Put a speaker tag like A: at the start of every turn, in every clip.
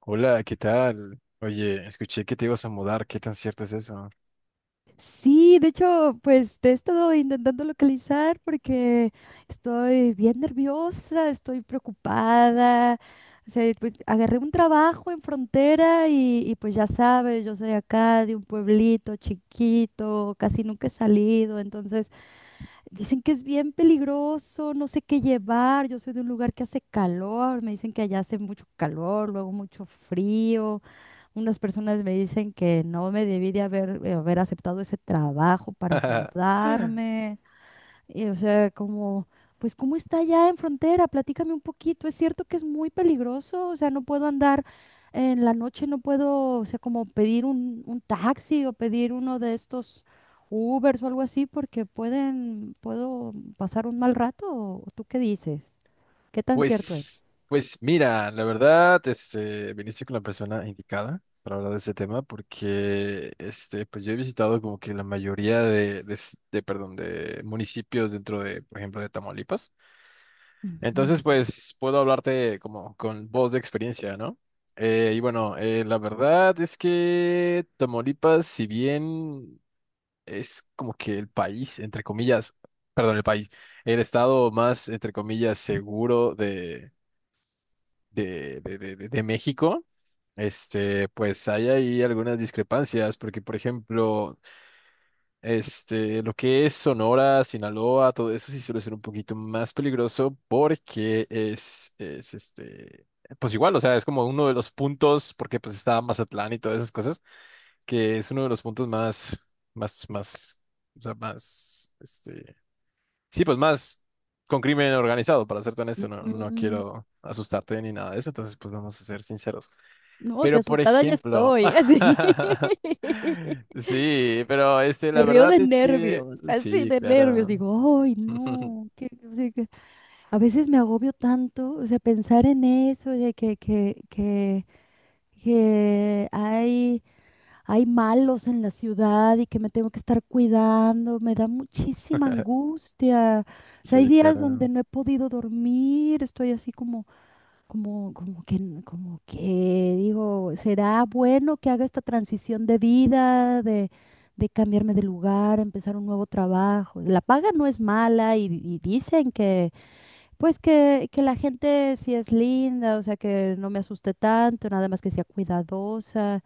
A: Hola, ¿qué tal? Oye, escuché que te ibas a mudar, ¿qué tan cierto es eso?
B: Sí, de hecho, pues te he estado intentando localizar porque estoy bien nerviosa, estoy preocupada. O sea, pues, agarré un trabajo en frontera y pues ya sabes, yo soy acá de un pueblito chiquito, casi nunca he salido, entonces dicen que es bien peligroso, no sé qué llevar, yo soy de un lugar que hace calor, me dicen que allá hace mucho calor, luego mucho frío. Unas personas me dicen que no me debí de haber aceptado ese trabajo para mudarme. Y, o sea, como, pues, ¿cómo está allá en frontera? Platícame un poquito. Es cierto que es muy peligroso. O sea, no puedo andar en la noche, no puedo, o sea, como pedir un taxi o pedir uno de estos Ubers o algo así, porque pueden, puedo pasar un mal rato. ¿O tú qué dices? ¿Qué tan cierto es?
A: Pues, mira, la verdad, viniste con la persona indicada para hablar de ese tema, porque, pues yo he visitado como que la mayoría de, perdón, de municipios dentro de, por ejemplo, de Tamaulipas.
B: Ujú,
A: Entonces, pues, puedo hablarte como con voz de experiencia, ¿no? Y bueno, la verdad es que Tamaulipas, si bien es como que el país, entre comillas, perdón, el país, el estado más, entre comillas, seguro de México. Pues hay ahí algunas discrepancias, porque por ejemplo, lo que es Sonora, Sinaloa, todo eso sí suele ser un poquito más peligroso porque es pues igual, o sea, es como uno de los puntos, porque pues está Mazatlán y todas esas cosas que es uno de los puntos más, más, más, o sea, más, sí, pues más con crimen organizado, para serte honesto, no, no
B: ujú.
A: quiero asustarte ni nada de eso, entonces pues vamos a ser sinceros.
B: No, si
A: Pero, por
B: asustada ya
A: ejemplo,
B: estoy, así.
A: sí, pero
B: Me
A: la
B: río
A: verdad
B: de
A: es que,
B: nervios, así
A: sí,
B: de nervios.
A: claro.
B: Digo, ay, no, que, o sea, que a veces me agobio tanto, o sea, pensar en eso, de que hay, hay malos en la ciudad y que me tengo que estar cuidando, me da muchísima angustia. O sea, hay
A: Sí,
B: días donde
A: claro.
B: no he podido dormir, estoy así como que digo, ¿será bueno que haga esta transición de vida, de cambiarme de lugar, empezar un nuevo trabajo? La paga no es mala y dicen que la gente sí es linda, o sea, que no me asuste tanto, nada más que sea cuidadosa.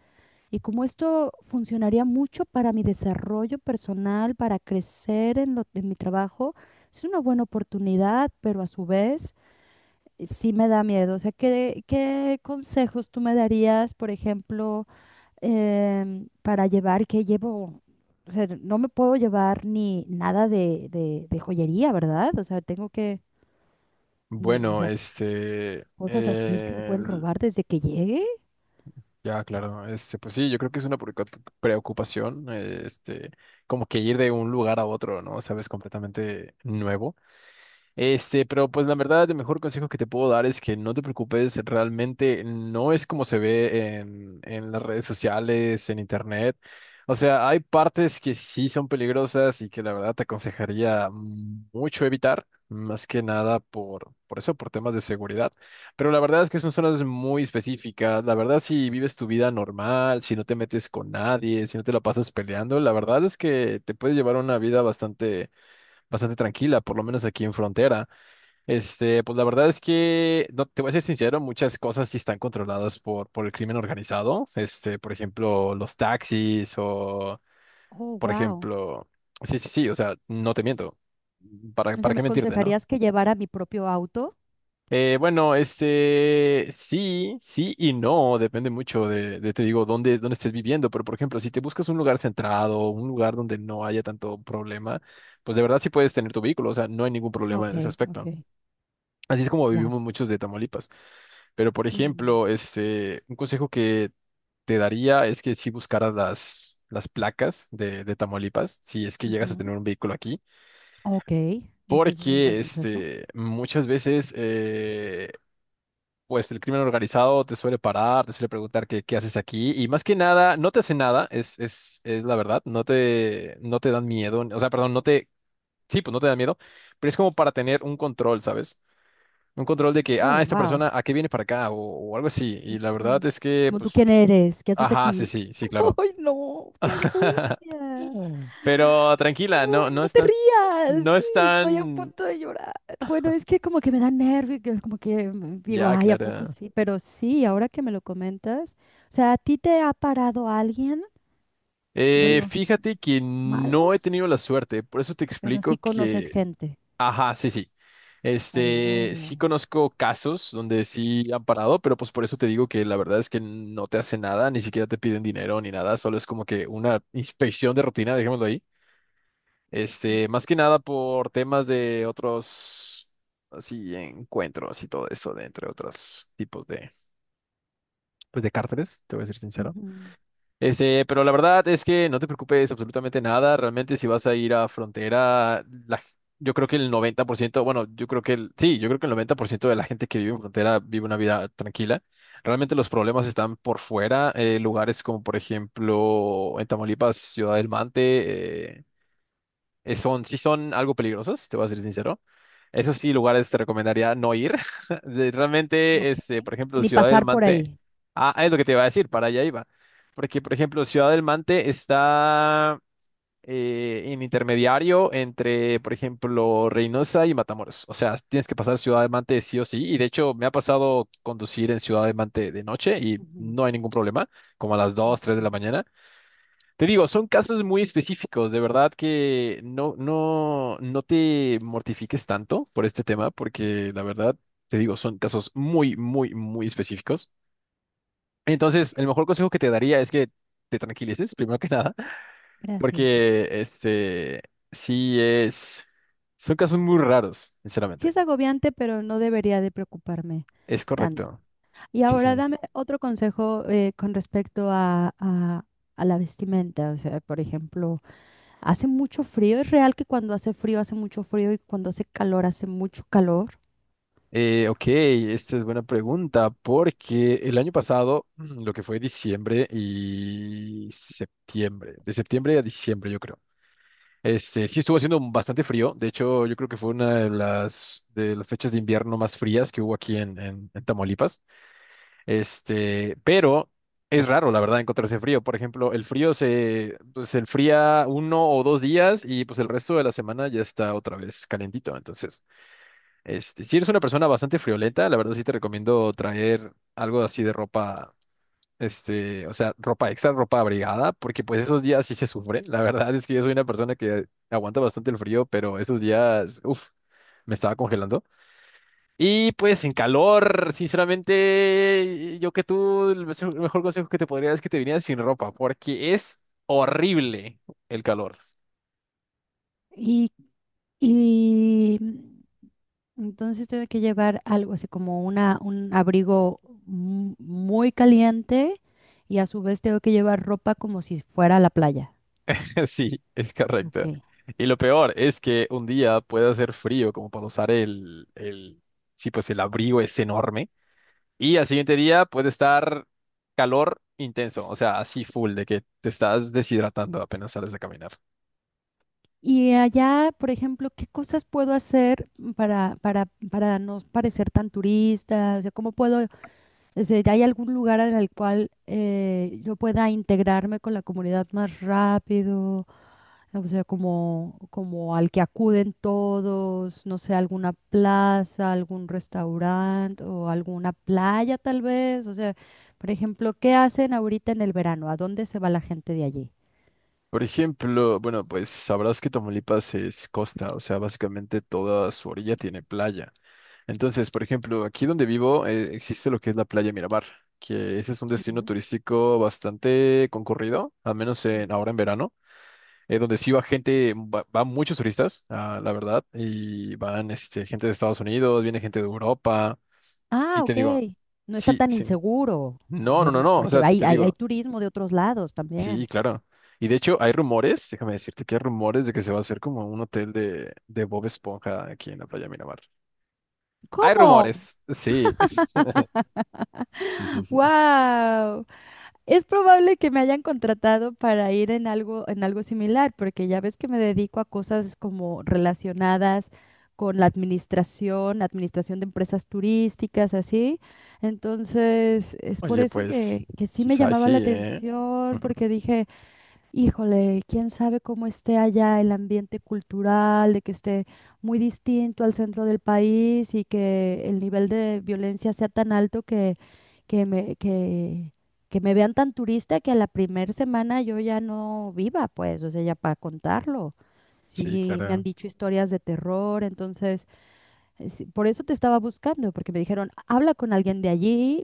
B: Y como esto funcionaría mucho para mi desarrollo personal, para crecer en mi trabajo, es una buena oportunidad, pero a su vez sí me da miedo. O sea, ¿qué, qué consejos tú me darías, por ejemplo, para llevar? ¿Qué llevo? O sea, no me puedo llevar ni nada de joyería, ¿verdad? O sea, tengo que, o
A: Bueno,
B: sea,
A: este,
B: cosas así que me
A: eh,
B: pueden robar desde que llegue.
A: Ya, claro, pues sí, yo creo que es una preocupación, como que ir de un lugar a otro, ¿no? Sabes, completamente nuevo. Pero pues la verdad, el mejor consejo que te puedo dar es que no te preocupes, realmente no es como se ve en las redes sociales, en internet. O sea, hay partes que sí son peligrosas y que la verdad te aconsejaría mucho evitar, más que nada por eso, por temas de seguridad. Pero la verdad es que son zonas muy específicas. La verdad, si vives tu vida normal, si no te metes con nadie, si no te la pasas peleando, la verdad es que te puedes llevar una vida bastante, bastante tranquila, por lo menos aquí en frontera. Pues la verdad es que, no, te voy a ser sincero, muchas cosas sí están controladas por el crimen organizado. Por ejemplo, los taxis o,
B: Oh,
A: por
B: wow.
A: ejemplo, sí, sí, sí, o sea, no te miento. ¿Para,
B: O
A: para
B: sea, ¿me
A: qué mentirte, no?
B: aconsejarías que llevara mi propio auto?
A: Bueno, sí, sí y no, depende mucho de, te digo, dónde estés viviendo, pero por ejemplo, si te buscas un lugar centrado, un lugar donde no haya tanto problema, pues de verdad sí puedes tener tu vehículo, o sea, no hay ningún problema
B: Ok,
A: en ese
B: ok,
A: aspecto. Así es como
B: ya.
A: vivimos muchos de Tamaulipas. Pero, por
B: Mm,
A: ejemplo, un consejo que te daría es que si buscaras las placas de Tamaulipas, si es que llegas a
B: ujú.
A: tener un vehículo aquí,
B: Ok, ese es un buen
A: porque
B: consejo.
A: muchas veces pues el crimen organizado te suele parar, te suele preguntar qué haces aquí, y más que nada, no te hace nada, es la verdad, no te dan miedo, o sea, perdón, sí, pues no te dan miedo, pero es como para tener un control, ¿sabes? Un control de que,
B: Oh,
A: ah, esta
B: wow.
A: persona, ¿a qué viene para acá? O algo así. Y la
B: Mm.
A: verdad es que,
B: Como tú
A: pues,
B: quién eres, ¿qué haces
A: ajá, sí,
B: aquí?
A: sí, sí, claro.
B: ¡Ay, no! ¡Qué angustia!
A: Pero tranquila, no,
B: ¡Ay,
A: no
B: no te
A: están, no
B: rías! Estoy a
A: están,
B: punto de llorar. Bueno, es que como que me da nervio, que como que digo,
A: ya,
B: ay, ¿a poco
A: Clara.
B: sí? Pero sí, ahora que me lo comentas, o sea, ¿a ti te ha parado alguien de
A: Eh,
B: los
A: fíjate que no he
B: malos?
A: tenido la suerte, por eso te
B: Pero sí
A: explico
B: conoces
A: que,
B: gente.
A: ajá, sí, sí.
B: Oh.
A: Sí conozco casos donde sí han parado, pero pues por eso te digo que la verdad es que no te hace nada, ni siquiera te piden dinero ni nada, solo es como que una inspección de rutina, dejémoslo ahí. Más que nada por temas de otros, así, encuentros y todo eso, de entre otros tipos de, pues, de cárteles, te voy a ser sincero.
B: Ujú,
A: Pero la verdad es que no te preocupes absolutamente nada. Realmente si vas a ir a frontera, la yo creo que el 90%, bueno, yo creo que el 90% de la gente que vive en frontera vive una vida tranquila. Realmente los problemas están por fuera, lugares como por ejemplo en Tamaulipas, Ciudad del Mante, sí son algo peligrosos, te voy a ser sincero. Esos sí, lugares te recomendaría no ir. Realmente,
B: ok.
A: por ejemplo,
B: Ni
A: Ciudad del
B: pasar por
A: Mante.
B: ahí.
A: Ah, es lo que te iba a decir, para allá iba. Porque, por ejemplo, Ciudad del Mante está en intermediario entre, por ejemplo, Reynosa y Matamoros. O sea, tienes que pasar Ciudad del Mante sí o sí. Y de hecho, me ha pasado conducir en Ciudad del Mante de noche y
B: Ujú,
A: no hay ningún problema, como a las dos 3 de la
B: ok.
A: mañana. Te digo, son casos muy específicos, de verdad que no, no, no te mortifiques tanto por este tema, porque la verdad, te digo, son casos muy, muy, muy específicos. Entonces, el mejor consejo que te daría es que te tranquilices, primero que nada,
B: Gracias.
A: porque sí son casos muy raros,
B: Sí
A: sinceramente.
B: es agobiante, pero no debería de preocuparme
A: Es
B: tanto.
A: correcto.
B: Y
A: Sí,
B: ahora
A: sí.
B: dame otro consejo con respecto a, a la vestimenta. O sea, por ejemplo, hace mucho frío. Es real que cuando hace frío hace mucho frío y cuando hace calor hace mucho calor.
A: Ok, esta es buena pregunta, porque el año pasado, lo que fue diciembre y septiembre, de septiembre a diciembre, yo creo. Sí estuvo haciendo bastante frío. De hecho, yo creo que fue una de las fechas de invierno más frías que hubo aquí en Tamaulipas. Pero es raro, la verdad, encontrarse frío. Por ejemplo, el frío se enfría 1 o 2 días y pues el resto de la semana ya está otra vez calentito. Entonces. Si eres una persona bastante friolenta, la verdad sí te recomiendo traer algo así de ropa, o sea, ropa extra, ropa abrigada, porque pues esos días sí se sufren. La verdad es que yo soy una persona que aguanta bastante el frío, pero esos días, uff, me estaba congelando. Y pues en calor, sinceramente, yo que tú, el mejor consejo que te podría dar es que te vinieras sin ropa, porque es horrible el calor.
B: Y, y mm, entonces tengo que llevar algo así como un abrigo muy caliente y a su vez tengo que llevar ropa como si fuera a la playa.
A: Sí, es
B: Ok.
A: correcto. Y lo peor es que un día puede hacer frío como para usar sí, pues el abrigo es enorme. Y al siguiente día puede estar calor intenso, o sea, así full, de que te estás deshidratando apenas sales a caminar.
B: Y allá, por ejemplo, ¿qué cosas puedo hacer para no parecer tan turista? O sea, ¿cómo puedo, o sea, ¿hay algún lugar en el cual yo pueda integrarme con la comunidad más rápido? O sea, como, como al que acuden todos, no sé, alguna plaza, algún restaurante o alguna playa tal vez. O sea, por ejemplo, ¿qué hacen ahorita en el verano? ¿A dónde se va la gente de allí?
A: Por ejemplo, bueno, pues sabrás que Tamaulipas es costa, o sea, básicamente toda su orilla tiene playa. Entonces, por ejemplo, aquí donde vivo existe lo que es la playa Miramar, que ese es un destino
B: Ujú.
A: turístico bastante concurrido, al menos ahora en verano, donde sí va gente, van muchos turistas, ah, la verdad, y van gente de Estados Unidos, viene gente de Europa, y
B: Ah,
A: te
B: ok.
A: digo,
B: No está
A: sí,
B: tan
A: sí,
B: inseguro. O
A: no, no,
B: sea,
A: no,
B: no-
A: no, o
B: porque
A: sea,
B: hay,
A: te
B: hay
A: digo,
B: turismo de otros lados
A: sí,
B: también.
A: claro. Y de hecho hay rumores, déjame decirte que hay rumores de que se va a hacer como un hotel de Bob Esponja aquí en la playa Miramar. Hay
B: ¿Cómo?
A: rumores, sí, sí, sí, sí.
B: ¡Wow! Es probable que me hayan contratado para ir en algo similar, porque ya ves que me dedico a cosas como relacionadas con la administración, administración de empresas turísticas, así. Entonces, es por
A: Oye,
B: eso
A: pues
B: que sí me
A: quizás
B: llamaba
A: sí,
B: la
A: ¿eh?
B: atención, porque dije, híjole, quién sabe cómo esté allá el ambiente cultural, de que esté muy distinto al centro del país y que el nivel de violencia sea tan alto que me, que, que me vean tan turista que a la primera semana yo ya no viva, pues, o sea, ya para contarlo.
A: Sí,
B: Sí, me han
A: claro.
B: dicho historias de terror, entonces, sí, por eso te estaba buscando, porque me dijeron, habla con alguien de allí.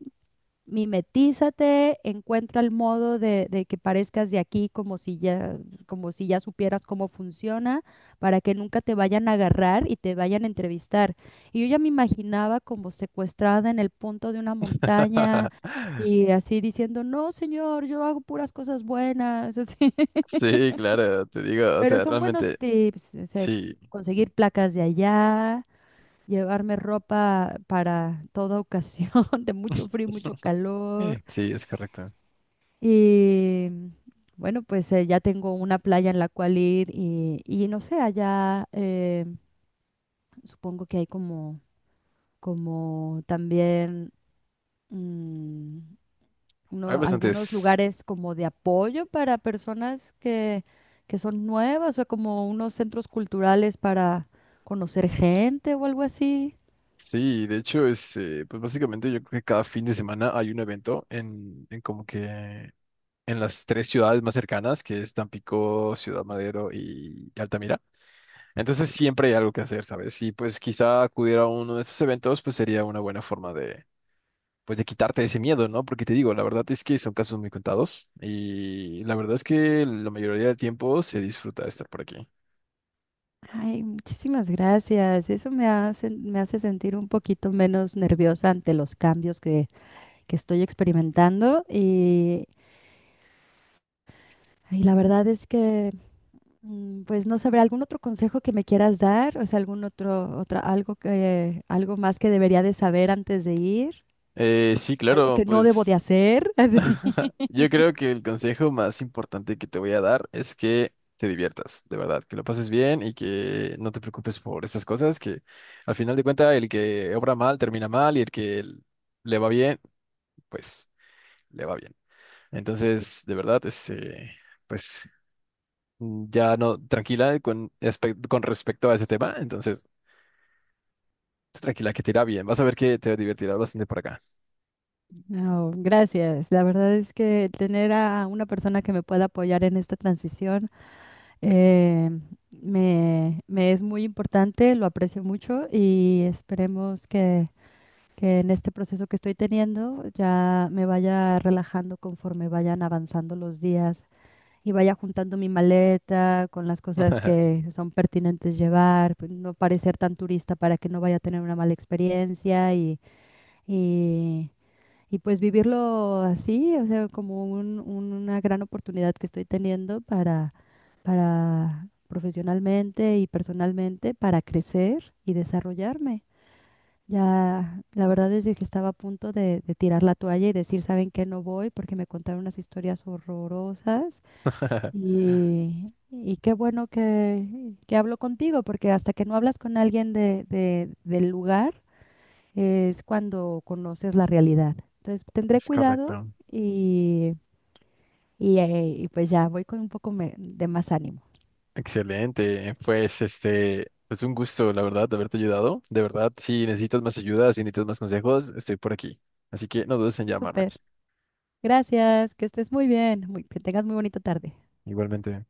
B: Mimetízate, encuentra el modo de que parezcas de aquí como si ya supieras cómo funciona, para que nunca te vayan a agarrar y te vayan a entrevistar. Y yo ya me imaginaba como secuestrada en el punto de una montaña y así diciendo, no, señor, yo hago puras cosas buenas, así.
A: Sí, claro, te digo, o
B: Pero
A: sea,
B: son buenos
A: realmente
B: tips, o sea,
A: sí,
B: conseguir placas de allá, llevarme ropa para toda ocasión, de mucho frío, y mucho calor.
A: sí, es correcto.
B: Y bueno, pues ya tengo una playa en la cual ir y no sé, allá supongo que hay como, como también mm,
A: Hay
B: algunos
A: bastantes,
B: lugares como de apoyo para personas que son nuevas o como unos centros culturales para conocer gente o algo así.
A: sí, de hecho, pues básicamente yo creo que cada fin de semana hay un evento en como que en las tres ciudades más cercanas, que es Tampico, Ciudad Madero y Altamira. Entonces siempre hay algo que hacer, ¿sabes? Y pues quizá acudir a uno de esos eventos, pues sería una buena forma pues de quitarte ese miedo, ¿no? Porque te digo, la verdad es que son casos muy contados y la verdad es que la mayoría del tiempo se disfruta de estar por aquí.
B: Ay, muchísimas gracias. Eso me hace sentir un poquito menos nerviosa ante los cambios que estoy experimentando y la verdad es que, pues no sabré, algún otro consejo que me quieras dar, o sea, algún otro, otra, algo que, algo más que debería de saber antes de ir,
A: Sí,
B: algo
A: claro,
B: que no debo de
A: pues
B: hacer, así.
A: yo creo que el consejo más importante que te voy a dar es que te diviertas, de verdad, que lo pases bien y que no te preocupes por esas cosas, que al final de cuentas el que obra mal termina mal y el que le va bien, pues le va bien. Entonces, de verdad, pues ya no, tranquila con respecto a ese tema. Entonces, tranquila que te irá bien. Vas a ver que te divertirás bastante por acá.
B: No, gracias. La verdad es que tener a una persona que me pueda apoyar en esta transición eh, me es muy importante, lo aprecio mucho y esperemos que en este proceso que estoy teniendo ya me vaya relajando conforme vayan avanzando los días y vaya juntando mi maleta con las cosas que son pertinentes llevar, pues, no parecer tan turista para que no vaya a tener una mala experiencia y, y pues vivirlo así, o sea, como una gran oportunidad que estoy teniendo para profesionalmente y personalmente, para crecer y desarrollarme. Ya, la verdad es de que estaba a punto de tirar la toalla y decir, ¿saben qué? No voy porque me contaron unas historias horrorosas y qué bueno que hablo contigo porque hasta que no hablas con alguien del lugar es cuando conoces la realidad. Entonces, tendré
A: Es
B: cuidado
A: correcto.
B: y, y pues ya voy con un poco de más ánimo.
A: Excelente. Pues un gusto, la verdad, de haberte ayudado. De verdad, si necesitas más ayuda, si necesitas más consejos, estoy por aquí. Así que no dudes en llamarme.
B: Súper. Gracias, que estés muy bien, que tengas muy bonita tarde.
A: Igualmente.